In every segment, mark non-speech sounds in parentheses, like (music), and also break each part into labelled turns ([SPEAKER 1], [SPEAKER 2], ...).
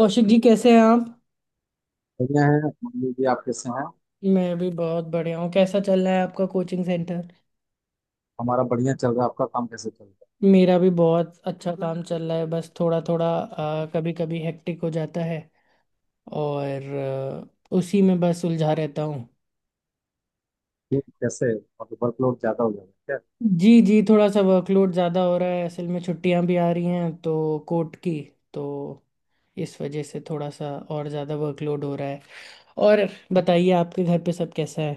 [SPEAKER 1] कौशिक जी, कैसे हैं आप।
[SPEAKER 2] बढ़िया है। मान लीजिए आप कैसे हैं।
[SPEAKER 1] मैं भी बहुत बढ़िया हूँ। कैसा चल रहा है आपका कोचिंग सेंटर।
[SPEAKER 2] हमारा बढ़िया चल रहा है, आपका काम कैसे चल रहा है।
[SPEAKER 1] मेरा भी बहुत अच्छा काम चल रहा है, बस थोड़ा थोड़ा कभी कभी हेक्टिक हो जाता है। और उसी में बस उलझा रहता हूँ।
[SPEAKER 2] क्यों, कैसे? मतलब वर्कलोड ज्यादा हो जाएगा क्या?
[SPEAKER 1] जी जी, थोड़ा सा वर्कलोड ज़्यादा हो रहा है। असल में छुट्टियाँ भी आ रही हैं तो कोर्ट की, तो इस वजह से थोड़ा सा और ज़्यादा वर्कलोड हो रहा है। और बताइए, आपके घर पे सब कैसा है।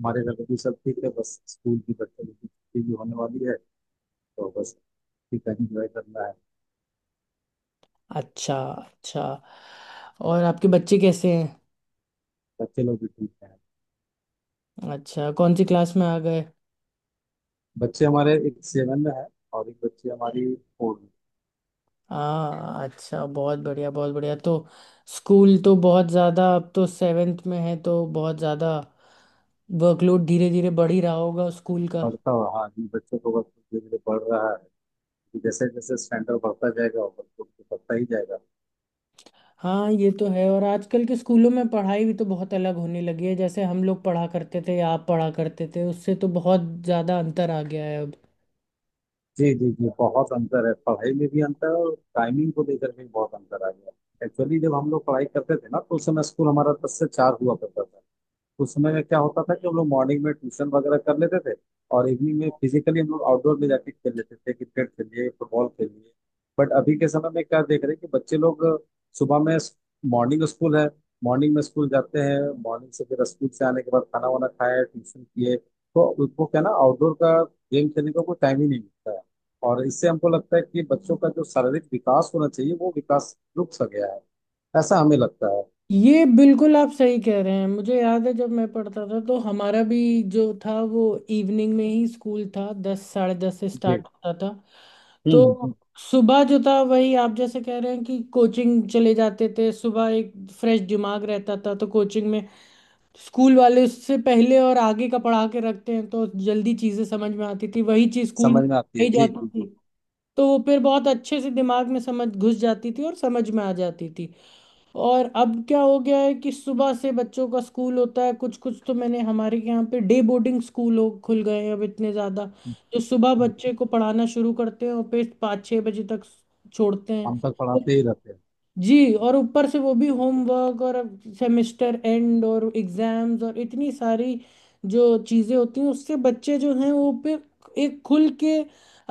[SPEAKER 2] हमारे घर में भी सब ठीक है, बस स्कूल की बच्चे लोग की छुट्टी भी होने वाली है, तो बस ठीक है, इंजॉय करना है।
[SPEAKER 1] अच्छा अच्छा। और आपके बच्चे कैसे हैं।
[SPEAKER 2] बच्चे लोग भी ठीक हैं।
[SPEAKER 1] अच्छा, कौन सी क्लास में आ गए।
[SPEAKER 2] बच्चे हमारे एक सेवन में है और एक बच्ची हमारी फोर में।
[SPEAKER 1] हाँ, अच्छा, बहुत बढ़िया बहुत बढ़िया। तो स्कूल तो बहुत ज़्यादा, अब तो सेवेंथ में है तो बहुत ज़्यादा वर्कलोड धीरे धीरे बढ़ ही रहा होगा स्कूल का।
[SPEAKER 2] बढ़ता हुआ, हाँ जी, बच्चों को वर्कलोड धीरे धीरे बढ़ रहा है। जैसे जैसे स्टैंडर्ड बढ़ता जाएगा वर्कलोड तो बढ़ता ही जाएगा।
[SPEAKER 1] हाँ, ये तो है। और आजकल के स्कूलों में पढ़ाई भी तो बहुत अलग होने लगी है। जैसे हम लोग पढ़ा करते थे या आप पढ़ा करते थे, उससे तो बहुत ज़्यादा अंतर आ गया है अब।
[SPEAKER 2] जी, जी, जी, बहुत अंतर है। पढ़ाई में भी अंतर है और टाइमिंग को लेकर भी बहुत अंतर आ गया है। एक्चुअली जब हम लोग पढ़ाई करते थे ना, तो उस समय स्कूल हमारा 10 से 4 हुआ करता था। उस समय में क्या होता था कि हम लोग मॉर्निंग में ट्यूशन वगैरह कर लेते थे और इवनिंग में फिजिकली हम लोग आउटडोर में जाके खेल लेते थे, क्रिकेट खेलिए, फुटबॉल खेलिए। बट अभी के समय में क्या देख रहे हैं कि बच्चे लोग सुबह में मॉर्निंग स्कूल है, मॉर्निंग में स्कूल जाते हैं, मॉर्निंग से फिर स्कूल से आने के बाद खाना वाना खाया, ट्यूशन किए, तो उनको क्या ना आउटडोर का गेम खेलने का कोई टाइम ही नहीं मिलता है। और इससे हमको लगता है कि बच्चों का जो शारीरिक विकास होना चाहिए वो विकास रुक सा गया है। ऐसा हमें लगता है।
[SPEAKER 1] ये बिल्कुल आप सही कह रहे हैं। मुझे याद है, जब मैं पढ़ता था तो हमारा भी जो था वो इवनिंग में ही स्कूल था, दस साढ़े दस से
[SPEAKER 2] जी।
[SPEAKER 1] स्टार्ट होता था।
[SPEAKER 2] हम्म हम्म, हम्म।
[SPEAKER 1] तो सुबह जो था वही आप जैसे कह रहे हैं कि कोचिंग चले जाते थे सुबह। एक फ्रेश दिमाग रहता था, तो कोचिंग में स्कूल वाले उससे पहले और आगे का पढ़ा के रखते हैं तो जल्दी चीज़ें समझ में आती थी। वही चीज़ स्कूल में
[SPEAKER 2] समझ में आती है,
[SPEAKER 1] नहीं
[SPEAKER 2] जी जी
[SPEAKER 1] जाती थी
[SPEAKER 2] जी।
[SPEAKER 1] तो वो फिर बहुत अच्छे से दिमाग में समझ घुस जाती थी और समझ में आ जाती थी। और अब क्या हो गया है कि सुबह से बच्चों का स्कूल होता है, कुछ कुछ तो मैंने हमारे यहाँ पे डे बोर्डिंग स्कूल हो खुल गए हैं अब इतने ज़्यादा, जो सुबह बच्चे को पढ़ाना शुरू करते हैं और फिर 5-6 बजे तक छोड़ते हैं।
[SPEAKER 2] हम तक
[SPEAKER 1] तो
[SPEAKER 2] पढ़ाते ही रहते हैं।
[SPEAKER 1] जी, और ऊपर से वो भी होमवर्क और सेमेस्टर एंड और एग्जाम्स और इतनी सारी जो चीज़ें होती हैं, उससे बच्चे जो हैं वो पे एक खुल के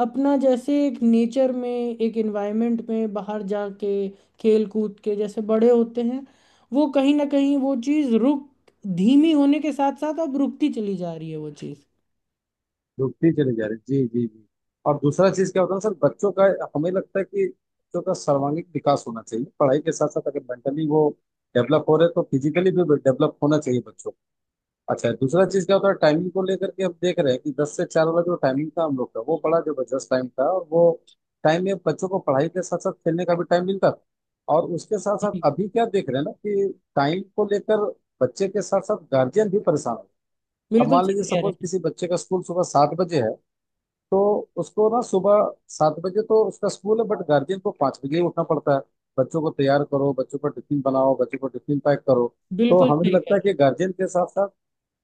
[SPEAKER 1] अपना जैसे एक नेचर में एक एनवायरनमेंट में बाहर जाके खेल कूद के जैसे बड़े होते हैं, वो कहीं ना कहीं वो चीज़ रुक, धीमी होने के साथ साथ अब रुकती चली जा रही है वो चीज़।
[SPEAKER 2] डूबते चले जा रहे हैं, जी जी जी। और दूसरा चीज क्या होता है सर, बच्चों का हमें लगता है कि बच्चों का सर्वांगीण विकास होना चाहिए। पढ़ाई के साथ साथ अगर मेंटली वो डेवलप हो रहे हैं तो फिजिकली भी डेवलप होना चाहिए बच्चों को। अच्छा, दूसरा चीज क्या होता है, टाइमिंग को लेकर के हम देख रहे हैं कि 10 से 4 वाला जो टाइमिंग था हम लोग का, वो बड़ा जबरदस्त टाइम था, और वो टाइम में बच्चों को पढ़ाई के साथ साथ खेलने का भी टाइम मिलता था। और उसके साथ साथ
[SPEAKER 1] जी,
[SPEAKER 2] अभी क्या देख रहे हैं ना, कि टाइम को लेकर बच्चे के साथ साथ गार्जियन भी परेशान है। अब
[SPEAKER 1] बिल्कुल
[SPEAKER 2] मान लीजिए,
[SPEAKER 1] सही कह रहे
[SPEAKER 2] सपोज
[SPEAKER 1] हैं।
[SPEAKER 2] किसी बच्चे का स्कूल सुबह 7 बजे है, तो उसको ना सुबह 7 बजे तो उसका स्कूल है, बट गार्जियन को 5 बजे ही उठना पड़ता है। बच्चों को तैयार करो, बच्चों का टिफिन बनाओ, बच्चों को टिफिन पैक करो। तो
[SPEAKER 1] बिल्कुल
[SPEAKER 2] हमें
[SPEAKER 1] सही कह
[SPEAKER 2] लगता है
[SPEAKER 1] रहे
[SPEAKER 2] कि
[SPEAKER 1] हैं।
[SPEAKER 2] गार्जियन के साथ साथ,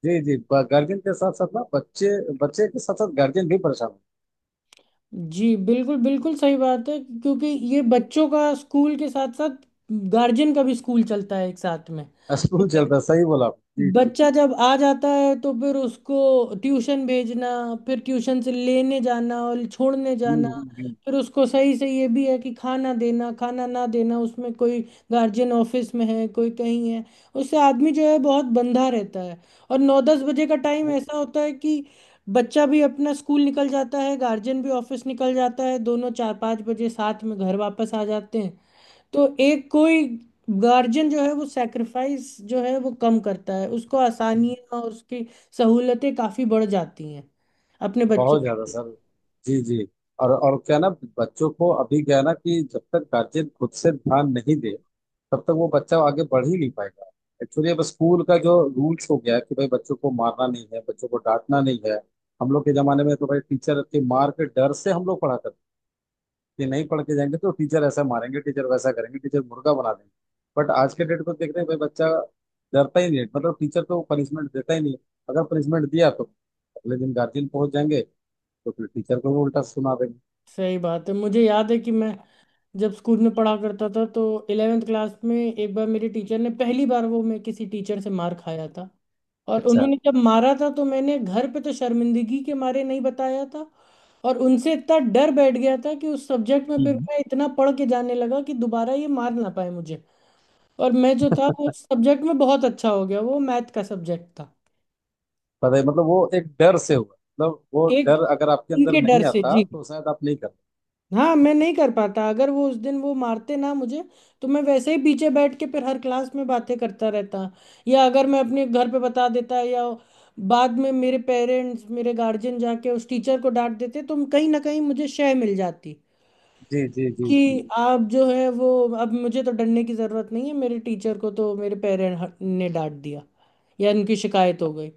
[SPEAKER 2] जी जी, गार्जियन के साथ साथ ना बच्चे, बच्चे के साथ साथ गार्जियन भी परेशान।
[SPEAKER 1] जी, बिल्कुल बिल्कुल सही बात है, क्योंकि ये बच्चों का स्कूल के साथ साथ गार्जियन का भी स्कूल चलता है एक साथ में।
[SPEAKER 2] है स्कूल (laughs) चल रहा है, सही बोला आपने। जी जी।
[SPEAKER 1] बच्चा जब आ जाता है तो फिर उसको ट्यूशन भेजना, फिर ट्यूशन से लेने जाना और छोड़ने जाना,
[SPEAKER 2] हम्म हम्म
[SPEAKER 1] फिर उसको सही से ये भी है कि खाना देना खाना ना देना, उसमें कोई गार्जियन ऑफिस में है, कोई कहीं है, उससे आदमी जो है बहुत बंधा रहता है। और 9-10 बजे का टाइम ऐसा होता है कि बच्चा भी अपना स्कूल निकल जाता है, गार्जियन भी ऑफिस निकल जाता है, दोनों 4-5 बजे साथ में घर वापस आ जाते हैं। तो एक कोई गार्जियन जो है वो सेक्रीफाइस जो है वो कम करता है, उसको
[SPEAKER 2] हम्म।
[SPEAKER 1] आसानियाँ और उसकी सहूलतें काफ़ी बढ़ जाती हैं अपने बच्चे
[SPEAKER 2] बहुत ज्यादा
[SPEAKER 1] के लिए।
[SPEAKER 2] सर, जी जी। और क्या ना, बच्चों को अभी क्या है ना कि जब तक गार्जियन खुद से ध्यान नहीं दे तब तक वो बच्चा आगे बढ़ ही नहीं पाएगा। एक्चुअली अब स्कूल का जो रूल्स हो गया है कि भाई बच्चों को मारना नहीं है, बच्चों को डांटना नहीं है। हम लोग के जमाने में तो भाई टीचर के मार के डर से हम लोग पढ़ा करते कि नहीं पढ़ के जाएंगे तो टीचर ऐसा मारेंगे, टीचर वैसा करेंगे, टीचर मुर्गा बना देंगे। बट आज के डेट को देख रहे हैं, भाई बच्चा डरता ही नहीं है। मतलब टीचर तो पनिशमेंट देता ही नहीं है। अगर पनिशमेंट दिया तो अगले दिन गार्जियन पहुंच जाएंगे, तो फिर टीचर को भी उल्टा सुना देंगे।
[SPEAKER 1] सही बात है। मुझे याद है कि मैं जब स्कूल में पढ़ा करता था तो इलेवेंथ क्लास में एक बार मेरे टीचर ने, पहली बार वो मैं किसी टीचर से मार खाया था, और
[SPEAKER 2] अच्छा।
[SPEAKER 1] उन्होंने जब मारा था तो मैंने घर पे तो शर्मिंदगी के मारे नहीं बताया था। और उनसे इतना डर बैठ गया था कि उस सब्जेक्ट में फिर
[SPEAKER 2] हम्म,
[SPEAKER 1] मैं इतना पढ़ के जाने लगा कि दोबारा ये मार ना पाए मुझे। और मैं जो था वो सब्जेक्ट में बहुत अच्छा हो गया, वो मैथ का सब्जेक्ट था।
[SPEAKER 2] पता है, मतलब वो एक डर से हुआ, मतलब वो
[SPEAKER 1] एक
[SPEAKER 2] डर अगर आपके अंदर
[SPEAKER 1] उनके डर
[SPEAKER 2] नहीं
[SPEAKER 1] से
[SPEAKER 2] आता
[SPEAKER 1] जी।
[SPEAKER 2] तो शायद आप नहीं करते।
[SPEAKER 1] हाँ, मैं नहीं कर पाता अगर वो उस दिन वो मारते ना मुझे, तो मैं वैसे ही पीछे बैठ के फिर हर क्लास में बातें करता रहता। या अगर मैं अपने घर पे बता देता या बाद में मेरे पेरेंट्स मेरे गार्जियन जाके उस टीचर को डांट देते, तो कहीं ना कहीं मुझे शय मिल जाती
[SPEAKER 2] जी जी जी जी।
[SPEAKER 1] कि आप जो है वो, अब मुझे तो डरने की ज़रूरत नहीं है, मेरे टीचर को तो मेरे पेरेंट ने डांट दिया या उनकी शिकायत हो गई।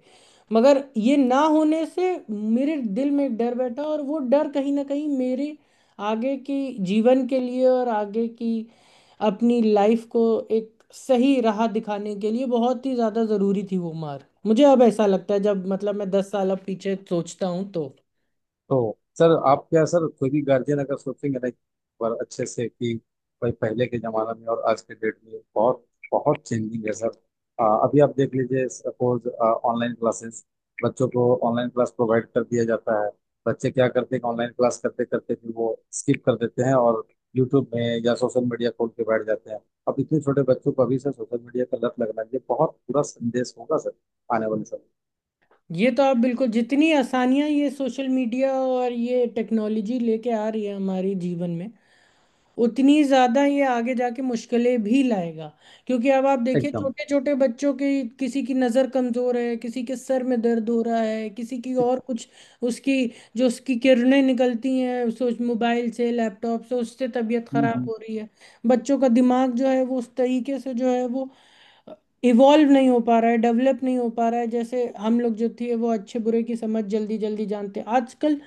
[SPEAKER 1] मगर ये ना होने से मेरे दिल में एक डर बैठा और वो डर कहीं ना कहीं मेरे आगे की जीवन के लिए और आगे की अपनी लाइफ को एक सही राह दिखाने के लिए बहुत ही ज़्यादा ज़रूरी थी वो मार मुझे, अब ऐसा लगता है जब मतलब मैं 10 साल अब पीछे सोचता हूँ तो।
[SPEAKER 2] तो सर आप क्या, सर कोई भी गार्जियन अगर सोचेंगे ना एक बार अच्छे से कि भाई पहले के जमाना में और आज के डेट में बहुत बहुत चेंजिंग है सर। अभी आप देख लीजिए, सपोज ऑनलाइन क्लासेस, बच्चों को ऑनलाइन क्लास प्रोवाइड कर दिया जाता है। बच्चे क्या करते हैं, ऑनलाइन क्लास करते करते फिर वो स्किप कर देते हैं और यूट्यूब में या सोशल मीडिया खोल के बैठ जाते हैं। अब इतने छोटे बच्चों को अभी से सोशल मीडिया का लत लगना, ये बहुत बुरा संदेश होगा सर आने वाले समय
[SPEAKER 1] ये तो आप बिल्कुल, जितनी आसानियां ये सोशल मीडिया और ये टेक्नोलॉजी लेके आ रही है हमारी जीवन में, उतनी ज्यादा ये आगे जाके मुश्किलें भी लाएगा। क्योंकि अब आप
[SPEAKER 2] में।
[SPEAKER 1] देखिए,
[SPEAKER 2] एकदम।
[SPEAKER 1] छोटे छोटे बच्चों की, किसी की नजर कमजोर है, किसी के सर में दर्द हो रहा है, किसी की और कुछ उसकी, जो उसकी किरणें निकलती हैं उस मोबाइल से, लैपटॉप से, उससे तबीयत
[SPEAKER 2] हम्म,
[SPEAKER 1] खराब
[SPEAKER 2] हम्म।
[SPEAKER 1] हो रही है। बच्चों का दिमाग जो है वो उस तरीके से जो है वो इवॉल्व नहीं हो पा रहा है, डेवलप नहीं हो पा रहा है। जैसे हम लोग जो थे वो अच्छे बुरे की समझ जल्दी जल्दी जानते हैं। आजकल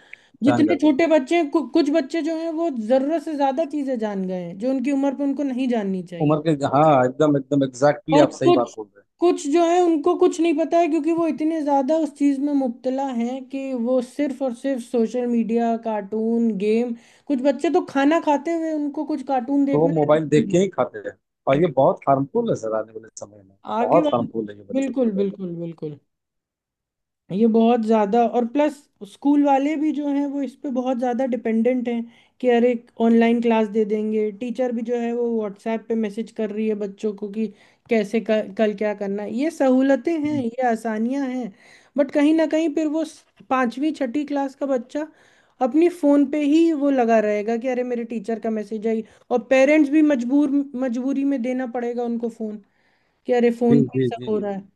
[SPEAKER 2] ध्यान
[SPEAKER 1] जितने छोटे बच्चे हैं कुछ बच्चे जो हैं वो जरूरत से ज्यादा चीजें जान गए हैं जो उनकी उम्र पे उनको नहीं जाननी चाहिए।
[SPEAKER 2] उम्र के, हाँ, एकदम एकदम एग्जैक्टली,
[SPEAKER 1] और
[SPEAKER 2] आप सही बात
[SPEAKER 1] कुछ
[SPEAKER 2] बोल रहे हैं।
[SPEAKER 1] कुछ जो है उनको कुछ नहीं पता है, क्योंकि वो इतने ज्यादा उस चीज में मुब्तला हैं कि वो सिर्फ और सिर्फ सोशल मीडिया, कार्टून, गेम, कुछ बच्चे तो खाना खाते हुए उनको कुछ कार्टून
[SPEAKER 2] तो वो
[SPEAKER 1] देखना
[SPEAKER 2] मोबाइल देख
[SPEAKER 1] है।
[SPEAKER 2] के ही खाते हैं, और ये बहुत हार्मफुल है सर आने वाले समय में,
[SPEAKER 1] (laughs) आगे
[SPEAKER 2] बहुत
[SPEAKER 1] वाले,
[SPEAKER 2] हार्मफुल है ये बच्चों के
[SPEAKER 1] बिल्कुल
[SPEAKER 2] लिए।
[SPEAKER 1] बिल्कुल बिल्कुल, ये बहुत ज़्यादा। और प्लस, स्कूल वाले भी जो हैं वो इस पे बहुत ज़्यादा डिपेंडेंट हैं कि अरे, ऑनलाइन क्लास दे देंगे, टीचर भी जो है वो व्हाट्सएप पे मैसेज कर रही है बच्चों को कि कैसे कल क्या करना है। ये सहूलतें हैं,
[SPEAKER 2] हम्म,
[SPEAKER 1] ये आसानियां हैं, बट कहीं ना कहीं फिर वो, पांचवी छठी क्लास का बच्चा अपनी फ़ोन पे ही वो लगा रहेगा कि अरे मेरे टीचर का मैसेज आई, और पेरेंट्स भी मजबूर, मजबूरी में देना पड़ेगा उनको फ़ोन, कि अरे
[SPEAKER 2] जी
[SPEAKER 1] फ़ोन पे ही
[SPEAKER 2] जी जी।
[SPEAKER 1] सब हो रहा है।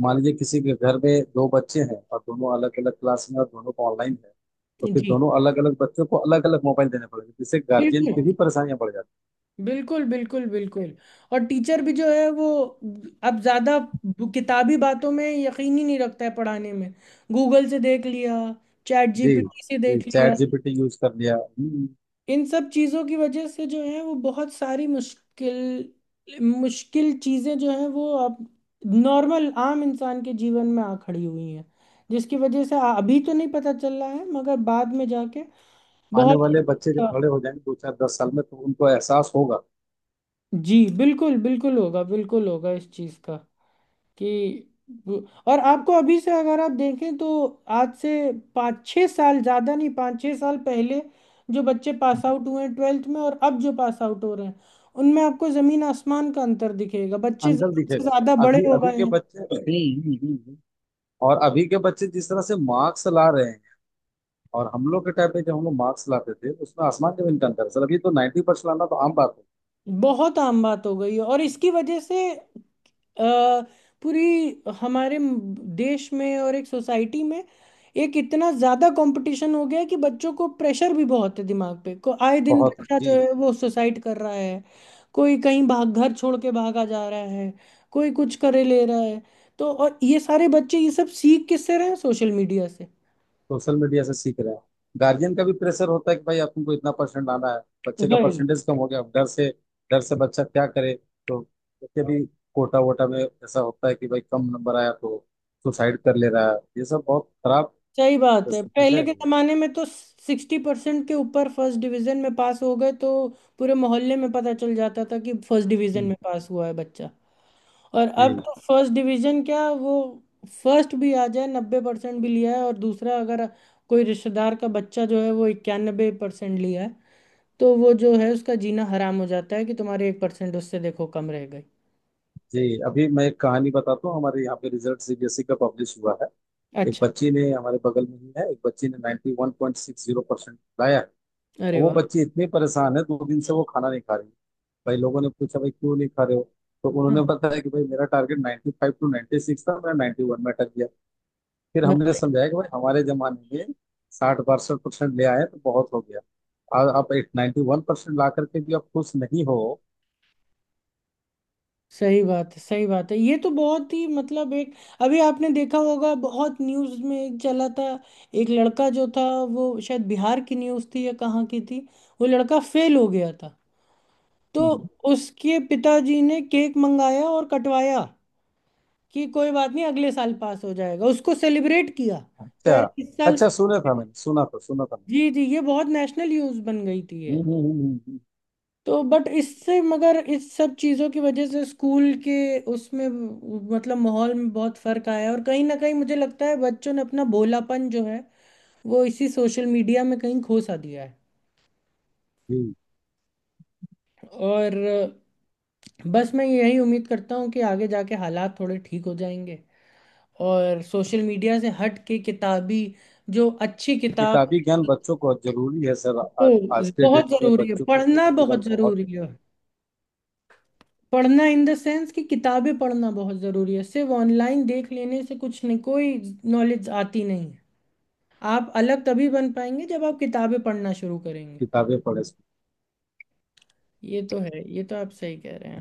[SPEAKER 2] मान लीजिए किसी के घर में दो बच्चे हैं और दोनों अलग अलग क्लास में और दोनों को ऑनलाइन है, तो फिर
[SPEAKER 1] जी,
[SPEAKER 2] दोनों अलग अलग बच्चों को अलग अलग मोबाइल देने पड़ेंगे, जिससे गार्जियन
[SPEAKER 1] बिल्कुल
[SPEAKER 2] की भी परेशानियां बढ़ जाती
[SPEAKER 1] बिल्कुल बिल्कुल बिल्कुल। और टीचर भी जो है वो अब ज़्यादा किताबी बातों में यकीन ही नहीं रखता है पढ़ाने में। गूगल से देख लिया, चैट
[SPEAKER 2] हैं। जी।
[SPEAKER 1] जीपीटी से
[SPEAKER 2] जी,
[SPEAKER 1] देख लिया।
[SPEAKER 2] चैट जीपीटी यूज कर लिया।
[SPEAKER 1] इन सब चीज़ों की वजह से जो है वो बहुत सारी मुश्किल मुश्किल चीज़ें जो है वो अब नॉर्मल आम इंसान के जीवन में आ खड़ी हुई हैं, जिसकी वजह से अभी तो नहीं पता चल रहा है मगर बाद में जाके
[SPEAKER 2] आने
[SPEAKER 1] बहुत।
[SPEAKER 2] वाले बच्चे जब बड़े हो जाएंगे दो चार 10 साल में तो उनको एहसास होगा
[SPEAKER 1] जी, बिल्कुल बिल्कुल होगा, बिल्कुल होगा इस चीज़ का कि वो- और आपको अभी से अगर आप देखें तो आज से 5-6 साल, ज़्यादा नहीं, 5-6 साल पहले जो बच्चे पास आउट हुए हैं ट्वेल्थ में और अब जो पास आउट हो रहे हैं, उनमें आपको ज़मीन आसमान का अंतर दिखेगा। बच्चे
[SPEAKER 2] अंदर
[SPEAKER 1] ज़रूरत से
[SPEAKER 2] दिखेगा।
[SPEAKER 1] ज़्यादा बड़े
[SPEAKER 2] अभी
[SPEAKER 1] हो
[SPEAKER 2] अभी
[SPEAKER 1] गए
[SPEAKER 2] के
[SPEAKER 1] हैं।
[SPEAKER 2] बच्चे। और अभी के बच्चे जिस तरह से मार्क्स ला रहे हैं और हम लोग के टाइम पे जब हम लोग मार्क्स लाते थे, उसमें आसमान जमीन का अंतर है। सर अभी तो 90% लाना तो आम बात है।
[SPEAKER 1] बहुत आम बात हो गई है, और इसकी वजह से अ, पूरी हमारे देश में और एक सोसाइटी में एक इतना ज्यादा कंपटीशन हो गया है कि बच्चों को प्रेशर भी बहुत है दिमाग पे, को आए दिन
[SPEAKER 2] बहुत है
[SPEAKER 1] बच्चा जो
[SPEAKER 2] जी।
[SPEAKER 1] है वो सुसाइड कर रहा है, कोई कहीं भाग घर छोड़ के भागा जा रहा है, कोई कुछ करे ले रहा है। तो और ये सारे बच्चे ये सब सीख किससे रहे हैं, सोशल मीडिया से।
[SPEAKER 2] सोशल मीडिया से सीख रहे हैं। गार्जियन का भी प्रेशर होता है कि भाई आपको इतना परसेंट लाना है। बच्चे का
[SPEAKER 1] वही,
[SPEAKER 2] परसेंटेज कम हो गया, अब डर से, डर से बच्चा क्या करे। तो उसके भी कोटा वोटा में ऐसा होता है कि भाई कम नंबर आया तो सुसाइड कर ले रहा है। ये सब बहुत खराब
[SPEAKER 1] सही बात है,
[SPEAKER 2] स्थिति
[SPEAKER 1] पहले
[SPEAKER 2] है।
[SPEAKER 1] के जमाने में तो 60% के ऊपर फर्स्ट डिवीजन में पास हो गए तो पूरे मोहल्ले में पता चल जाता था कि फर्स्ट डिवीजन
[SPEAKER 2] हम्म,
[SPEAKER 1] में पास हुआ है बच्चा। और अब
[SPEAKER 2] जी
[SPEAKER 1] तो फर्स्ट डिवीजन क्या, वो फर्स्ट भी आ जाए, 90% भी लिया है और दूसरा अगर कोई रिश्तेदार का बच्चा जो है वो 91% लिया है, तो वो जो है उसका जीना हराम हो जाता है कि तुम्हारे 1% उससे देखो कम रह गई।
[SPEAKER 2] जी। अभी मैं एक कहानी बताता हूँ, हमारे यहाँ पे रिजल्ट सीबीएसई का पब्लिश हुआ है। एक
[SPEAKER 1] अच्छा।
[SPEAKER 2] बच्ची ने, हमारे बगल में ही है, एक बच्ची ने 91.60% लाया है।
[SPEAKER 1] अच्छा, अरे
[SPEAKER 2] और वो
[SPEAKER 1] वाह।
[SPEAKER 2] बच्ची इतनी परेशान है, दो दिन से वो खाना नहीं खा रही। भाई लोगों ने पूछा, भाई क्यों नहीं खा रहे हो, तो उन्होंने बताया कि भाई मेरा टारगेट 95 टू 96 था, मैं 91 में अटक गया। फिर
[SPEAKER 1] हाँ।
[SPEAKER 2] हमने समझाया कि भाई हमारे जमाने में 60 62% ले आए तो बहुत हो गया, और आप एक 91% ला करके भी आप खुश नहीं हो।
[SPEAKER 1] सही बात है, सही बात है। ये तो बहुत ही मतलब, एक अभी आपने देखा होगा बहुत न्यूज़ में एक चला था, एक लड़का जो था, वो शायद बिहार की न्यूज़ थी या कहाँ की थी, वो लड़का फेल हो गया था तो
[SPEAKER 2] हम्म।
[SPEAKER 1] उसके पिताजी ने केक मंगाया और कटवाया कि कोई बात नहीं अगले साल पास हो जाएगा, उसको सेलिब्रेट किया कि
[SPEAKER 2] अच्छा,
[SPEAKER 1] अरे इस साल।
[SPEAKER 2] अच्छा। सुना था, मैंने सुना था, सुना था मैंने।
[SPEAKER 1] जी जी, ये बहुत नेशनल न्यूज़ बन गई थी ये।
[SPEAKER 2] हम्म हम्म, हम्म, हम्म, हम्म।
[SPEAKER 1] तो बट इससे, मगर इस सब चीज़ों की वजह से स्कूल के उसमें, मतलब माहौल में बहुत फर्क आया है, और कहीं ना कहीं मुझे लगता है बच्चों ने अपना भोलापन जो है वो इसी सोशल मीडिया में कहीं खो सा दिया है।
[SPEAKER 2] जी।
[SPEAKER 1] और बस मैं यही उम्मीद करता हूँ कि आगे जाके हालात थोड़े ठीक हो जाएंगे, और सोशल मीडिया से हट के किताबी, जो अच्छी किताब,
[SPEAKER 2] किताबी ज्ञान बच्चों को जरूरी है सर।
[SPEAKER 1] वो
[SPEAKER 2] आज के
[SPEAKER 1] बहुत
[SPEAKER 2] डेट में
[SPEAKER 1] ज़रूरी है,
[SPEAKER 2] बच्चों को
[SPEAKER 1] पढ़ना
[SPEAKER 2] किताबी ज्ञान
[SPEAKER 1] बहुत
[SPEAKER 2] बहुत
[SPEAKER 1] ज़रूरी
[SPEAKER 2] जरूरी
[SPEAKER 1] है।
[SPEAKER 2] है।
[SPEAKER 1] पढ़ना इन द सेंस कि किताबें पढ़ना बहुत ज़रूरी है, सिर्फ ऑनलाइन देख लेने से कुछ नहीं, कोई नॉलेज आती नहीं है। आप अलग तभी बन पाएंगे जब आप किताबें पढ़ना शुरू करेंगे।
[SPEAKER 2] किताबें पढ़े
[SPEAKER 1] ये तो है, ये तो आप सही कह रहे हैं।